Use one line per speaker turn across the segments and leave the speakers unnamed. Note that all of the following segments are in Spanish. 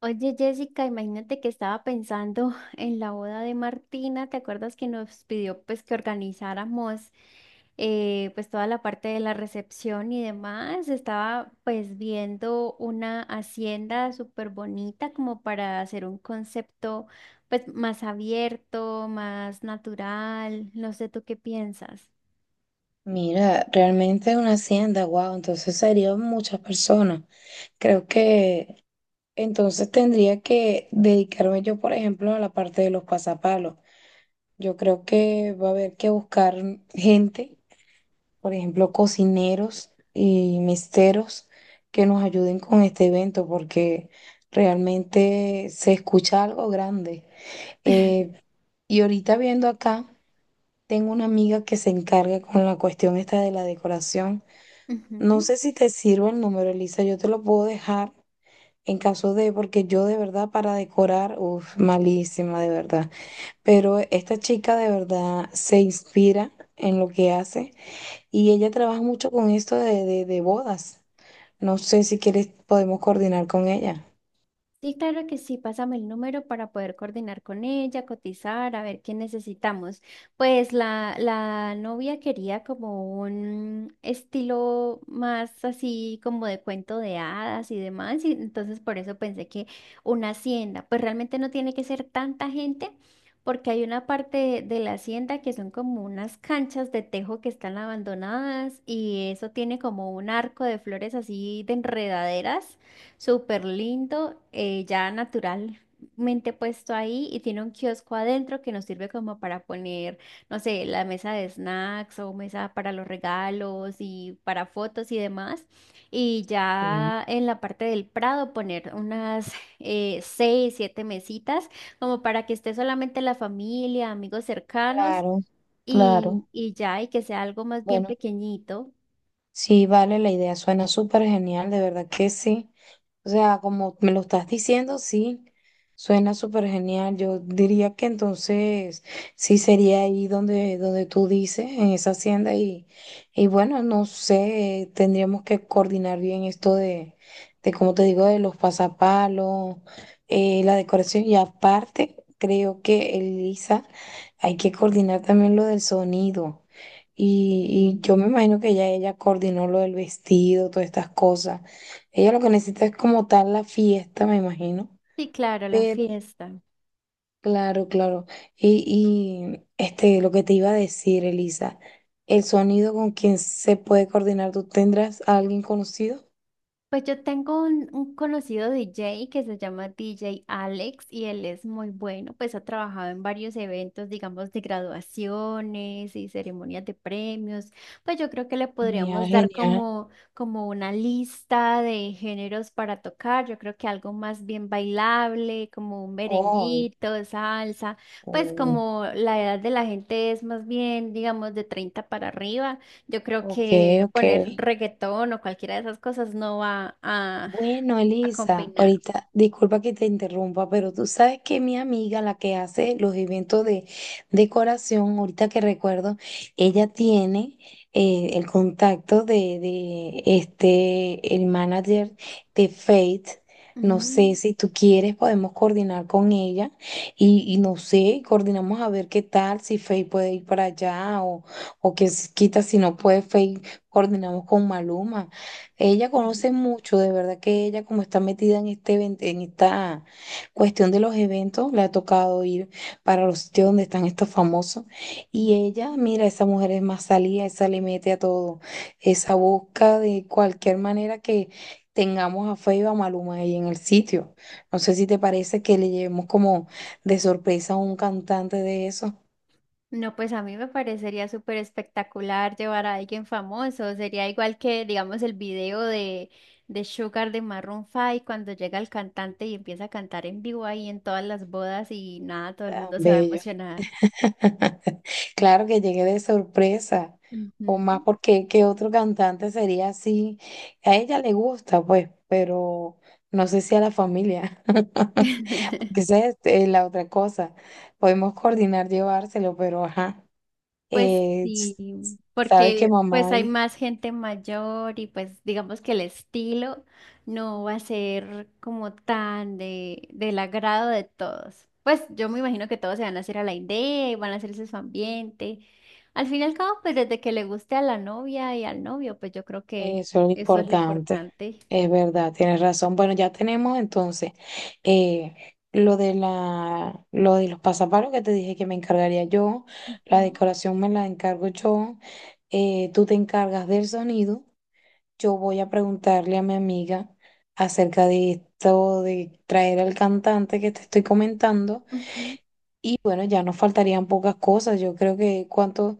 Oye, Jessica, imagínate que estaba pensando en la boda de Martina. ¿Te acuerdas que nos pidió pues que organizáramos pues toda la parte de la recepción y demás? Estaba pues viendo una hacienda súper bonita como para hacer un concepto pues más abierto, más natural. No sé, ¿tú qué piensas?
Mira, realmente es una hacienda, wow, entonces serían muchas personas. Creo que entonces tendría que dedicarme yo, por ejemplo, a la parte de los pasapalos. Yo creo que va a haber que buscar gente, por ejemplo, cocineros y misteros que nos ayuden con este evento, porque realmente se escucha algo grande. Eh, y ahorita viendo acá, tengo una amiga que se encarga con la cuestión esta de la decoración. No
Ujú.
sé si te sirve el número, Elisa. Yo te lo puedo dejar en caso de, porque yo de verdad para decorar, uff, malísima de verdad. Pero esta chica de verdad se inspira en lo que hace y ella trabaja mucho con esto de bodas. No sé si quieres, podemos coordinar con ella.
Sí, claro que sí, pásame el número para poder coordinar con ella, cotizar, a ver qué necesitamos. Pues la novia quería como un estilo más así como de cuento de hadas y demás, y entonces por eso pensé que una hacienda, pues realmente no tiene que ser tanta gente. Porque hay una parte de la hacienda que son como unas canchas de tejo que están abandonadas y eso tiene como un arco de flores así de enredaderas. Súper lindo, ya naturalmente puesto ahí, y tiene un kiosco adentro que nos sirve como para poner, no sé, la mesa de snacks o mesa para los regalos y para fotos y demás. Y
Sí,
ya en la parte del Prado poner unas seis, siete mesitas como para que esté solamente la familia, amigos cercanos
claro,
y,
claro.
y ya, y que sea algo más bien
Bueno.
pequeñito.
Sí, vale, la idea suena súper genial, de verdad que sí. O sea, como me lo estás diciendo, sí, suena súper genial. Yo diría que entonces sí sería ahí donde tú dices, en esa hacienda. Y bueno, no sé, tendríamos que coordinar bien esto de como te digo, de los pasapalos, la decoración. Y aparte, creo que, Elisa, hay que coordinar también lo del sonido. Y
Sí.
yo me imagino que ya ella coordinó lo del vestido, todas estas cosas. Ella lo que necesita es como tal la fiesta, me imagino.
Sí, claro, la
Pero,
fiesta.
claro, claro. Y, y este, lo que te iba a decir, Elisa, el sonido con quien se puede coordinar, ¿tú tendrás a alguien conocido?
Pues yo tengo un conocido DJ que se llama DJ Alex y él es muy bueno, pues ha trabajado en varios eventos, digamos, de graduaciones y ceremonias de premios. Pues yo creo que le
Genial,
podríamos dar
genial.
como, como una lista de géneros para tocar. Yo creo que algo más bien bailable, como un
Oh,
merenguito, salsa, pues
eh,
como la edad de la gente es más bien, digamos, de 30 para arriba. Yo creo
ok,
que
ok.
poner reggaetón o cualquiera de esas cosas no va a,
Bueno,
a
Elisa,
combinar.
ahorita, disculpa que te interrumpa, pero tú sabes que mi amiga, la que hace los eventos de decoración, ahorita que recuerdo, ella tiene el contacto de este, el manager de Faith. No sé
Mm,
si tú quieres, podemos coordinar con ella y no sé, coordinamos a ver qué tal, si Faith puede ir para allá o que quita si no puede Faith, coordinamos con Maluma. Ella conoce mucho, de verdad que ella como está metida en en esta cuestión de los eventos, le ha tocado ir para los sitios donde están estos famosos y ella,
mm.
mira, esa mujer es más salida, esa le mete a todo, esa busca de cualquier manera que tengamos a Feiba a Maluma ahí en el sitio. No sé si te parece que le llevemos como de sorpresa a un cantante de esos
No, pues a mí me parecería súper espectacular llevar a alguien famoso. Sería igual que, digamos, el video de Sugar de Maroon 5 cuando llega el cantante y empieza a cantar en vivo ahí en todas las bodas y nada, todo el
tan
mundo se va a
bellos.
emocionar.
Claro que llegué de sorpresa, o
Ujú.
más porque qué otro cantante sería así. A ella le gusta, pues, pero no sé si a la familia. Que esa es la otra cosa. Podemos coordinar llevárselo, pero ajá.
Pues
Eh, s-
sí,
sabes que
porque
mamá.
pues hay más gente mayor y pues digamos que el estilo no va a ser como tan de, del agrado de todos. Pues yo me imagino que todos se van a hacer a la idea y van a hacerse su ambiente. Al fin y al cabo, pues desde que le guste a la novia y al novio, pues yo creo que
Eso es lo
eso es lo
importante,
importante.
es verdad, tienes razón. Bueno, ya tenemos entonces eh, lo de la, lo de los pasapalos que te dije que me encargaría yo, la
Ujú.
decoración me la encargo yo, tú te encargas del sonido, yo voy a preguntarle a mi amiga acerca de esto, de traer al cantante que te estoy comentando,
Ujú.
y bueno, ya nos faltarían pocas cosas, yo creo que cuánto,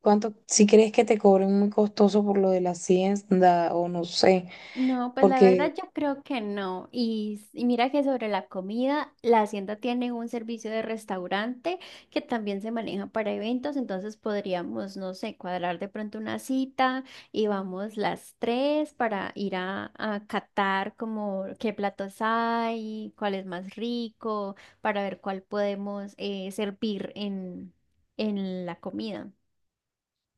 cuánto, si crees que te cobren muy costoso por lo de la hacienda o no sé.
No, pues la verdad
Porque,
yo creo que no. Y mira que sobre la comida, la hacienda tiene un servicio de restaurante que también se maneja para eventos, entonces podríamos, no sé, cuadrar de pronto una cita y vamos las tres para ir a catar como qué platos hay, cuál es más rico, para ver cuál podemos servir en, la comida.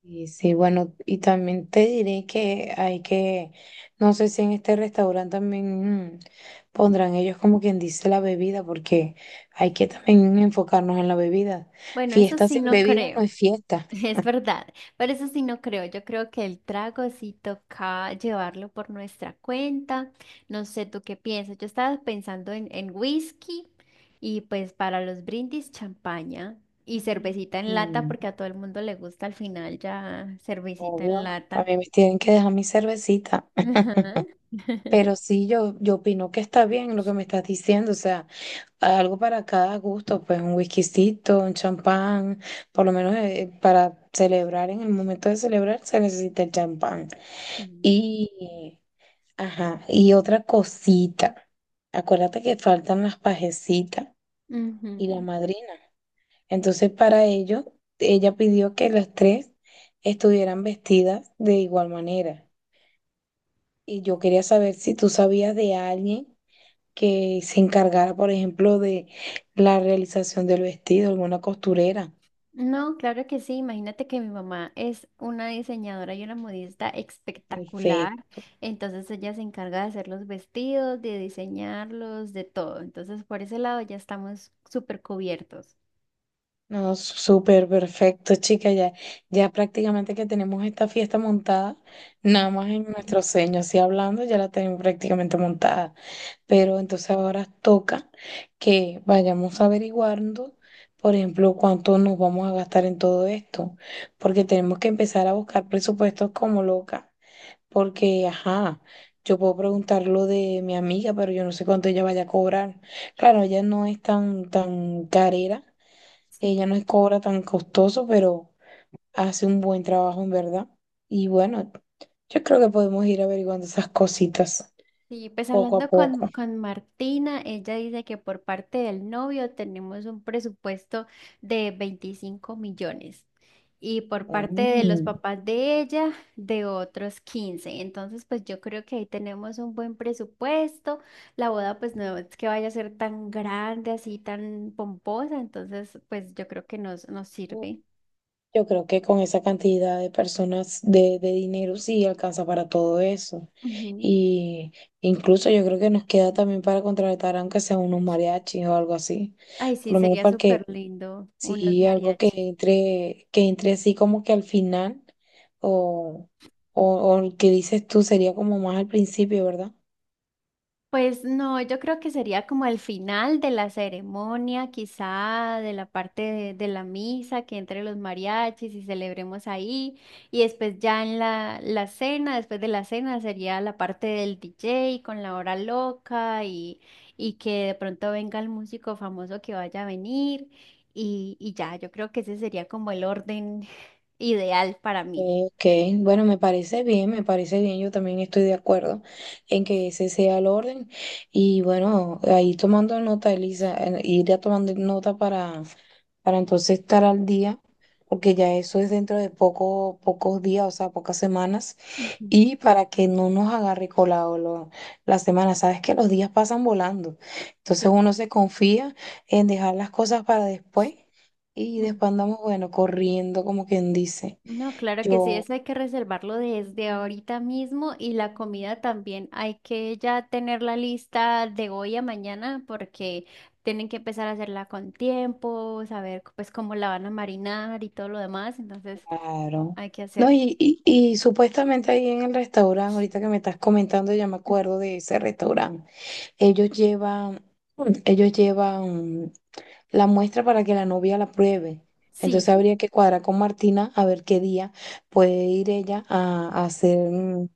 y sí, bueno, y también te diré que hay que, no sé si en este restaurante también pondrán ellos como quien dice la bebida, porque hay que también enfocarnos en la bebida.
Bueno, eso
Fiesta
sí
sin
no
bebida no
creo.
es fiesta.
Es verdad, pero eso sí no creo. Yo creo que el trago sí toca llevarlo por nuestra cuenta. No sé tú qué piensas. Yo estaba pensando en whisky y pues para los brindis champaña y cervecita en lata
Mm,
porque a todo el mundo le gusta al final ya cervecita en
obvio, a
lata.
mí me tienen que dejar mi cervecita.
Ajá.
Pero sí, yo opino que está bien lo que me estás diciendo, o sea. Algo para cada gusto, pues un whiskycito, un champán, por lo menos para celebrar, en el momento de celebrar se necesita el champán. Y, ajá, y otra cosita, acuérdate que faltan las pajecitas y la
Ujú.
madrina. Entonces para ello, ella pidió que las tres estuvieran vestidas de igual manera. Y yo quería saber si tú sabías de alguien que se encargara, por ejemplo, de la realización del vestido, alguna costurera.
No, claro que sí. Imagínate que mi mamá es una diseñadora y una modista espectacular.
Perfecto.
Entonces ella se encarga de hacer los vestidos, de diseñarlos, de todo. Entonces por ese lado ya estamos súper cubiertos.
No, súper perfecto, chica. Ya, ya prácticamente que tenemos esta fiesta montada, nada más en nuestros sueños y hablando, ya la tenemos prácticamente montada. Pero entonces ahora toca que vayamos averiguando, por ejemplo, cuánto nos vamos a gastar en todo esto, porque tenemos que empezar a buscar presupuestos como loca. Porque, ajá, yo puedo preguntar lo de mi amiga, pero yo no sé cuánto ella vaya a cobrar. Claro, ella no es tan carera, ella
Sí.
no es cobra tan costoso, pero hace un buen trabajo en verdad. Y bueno, yo creo que podemos ir averiguando esas cositas
Sí, pues
poco a
hablando
poco.
con Martina, ella dice que por parte del novio tenemos un presupuesto de 25 millones y por parte de los
Mm.
papás de ella de otros 15. Entonces, pues yo creo que ahí tenemos un buen presupuesto. La boda pues no es que vaya a ser tan grande, así tan pomposa, entonces pues yo creo que nos sirve.
Yo creo que con esa cantidad de personas, de dinero, sí alcanza para todo eso.
Ujú.
Y incluso yo creo que nos queda también para contratar, aunque sea unos mariachis o algo así.
Ay,
Por
sí,
lo menos
sería
para
súper
que,
lindo unos
sí, algo
mariachis.
que entre así como que al final, o, o el que dices tú sería como más al principio, ¿verdad?
Pues no, yo creo que sería como el final de la ceremonia, quizá de la parte de la misa, que entre los mariachis y celebremos ahí. Y después ya en la cena, después de la cena sería la parte del DJ con la hora loca y que de pronto venga el músico famoso que vaya a venir. Y ya, yo creo que ese sería como el orden ideal para mí.
Ok, bueno, me parece bien, yo también estoy de acuerdo en que ese sea el orden y bueno, ahí tomando nota, Elisa, ir ya tomando nota para entonces estar al día, porque ya eso es dentro de poco, pocos días, o sea, pocas semanas,
Ujú.
y para que no nos agarre colado la semana, sabes que los días pasan volando, entonces uno se confía en dejar las cosas para después y
Sí.
después andamos, bueno, corriendo como quien dice.
No, claro que sí,
Yo.
eso hay que reservarlo desde ahorita mismo y la comida también hay que ya tener la lista de hoy a mañana porque tienen que empezar a hacerla con tiempo, saber pues cómo la van a marinar y todo lo demás, entonces
Claro.
hay que
No,
hacerlo.
y supuestamente ahí en el restaurante, ahorita que me estás comentando, ya me acuerdo de ese restaurante. Ellos llevan, ellos llevan la muestra para que la novia la pruebe.
Sí,
Entonces
sí,
habría que cuadrar con Martina a ver qué día puede ir ella a hacer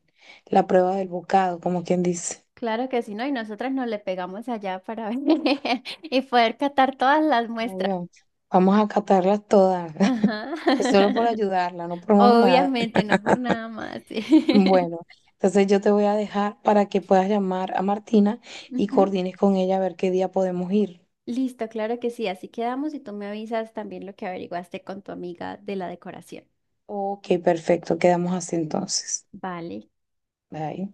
la prueba del bocado, como quien dice.
claro que sí, ¿no? Y nosotras nos le pegamos allá para ver y poder catar todas las muestras.
Obvio, vamos a catarlas todas,
Ajá.
es solo por ayudarla, no por más nada.
Obviamente, no por nada más. Sí.
Bueno, entonces yo te voy a dejar para que puedas llamar a Martina y
Ujú.
coordines con ella a ver qué día podemos ir.
Listo, claro que sí. Así quedamos y tú me avisas también lo que averiguaste con tu amiga de la decoración.
Ok, perfecto, quedamos así entonces.
Vale.
Bye.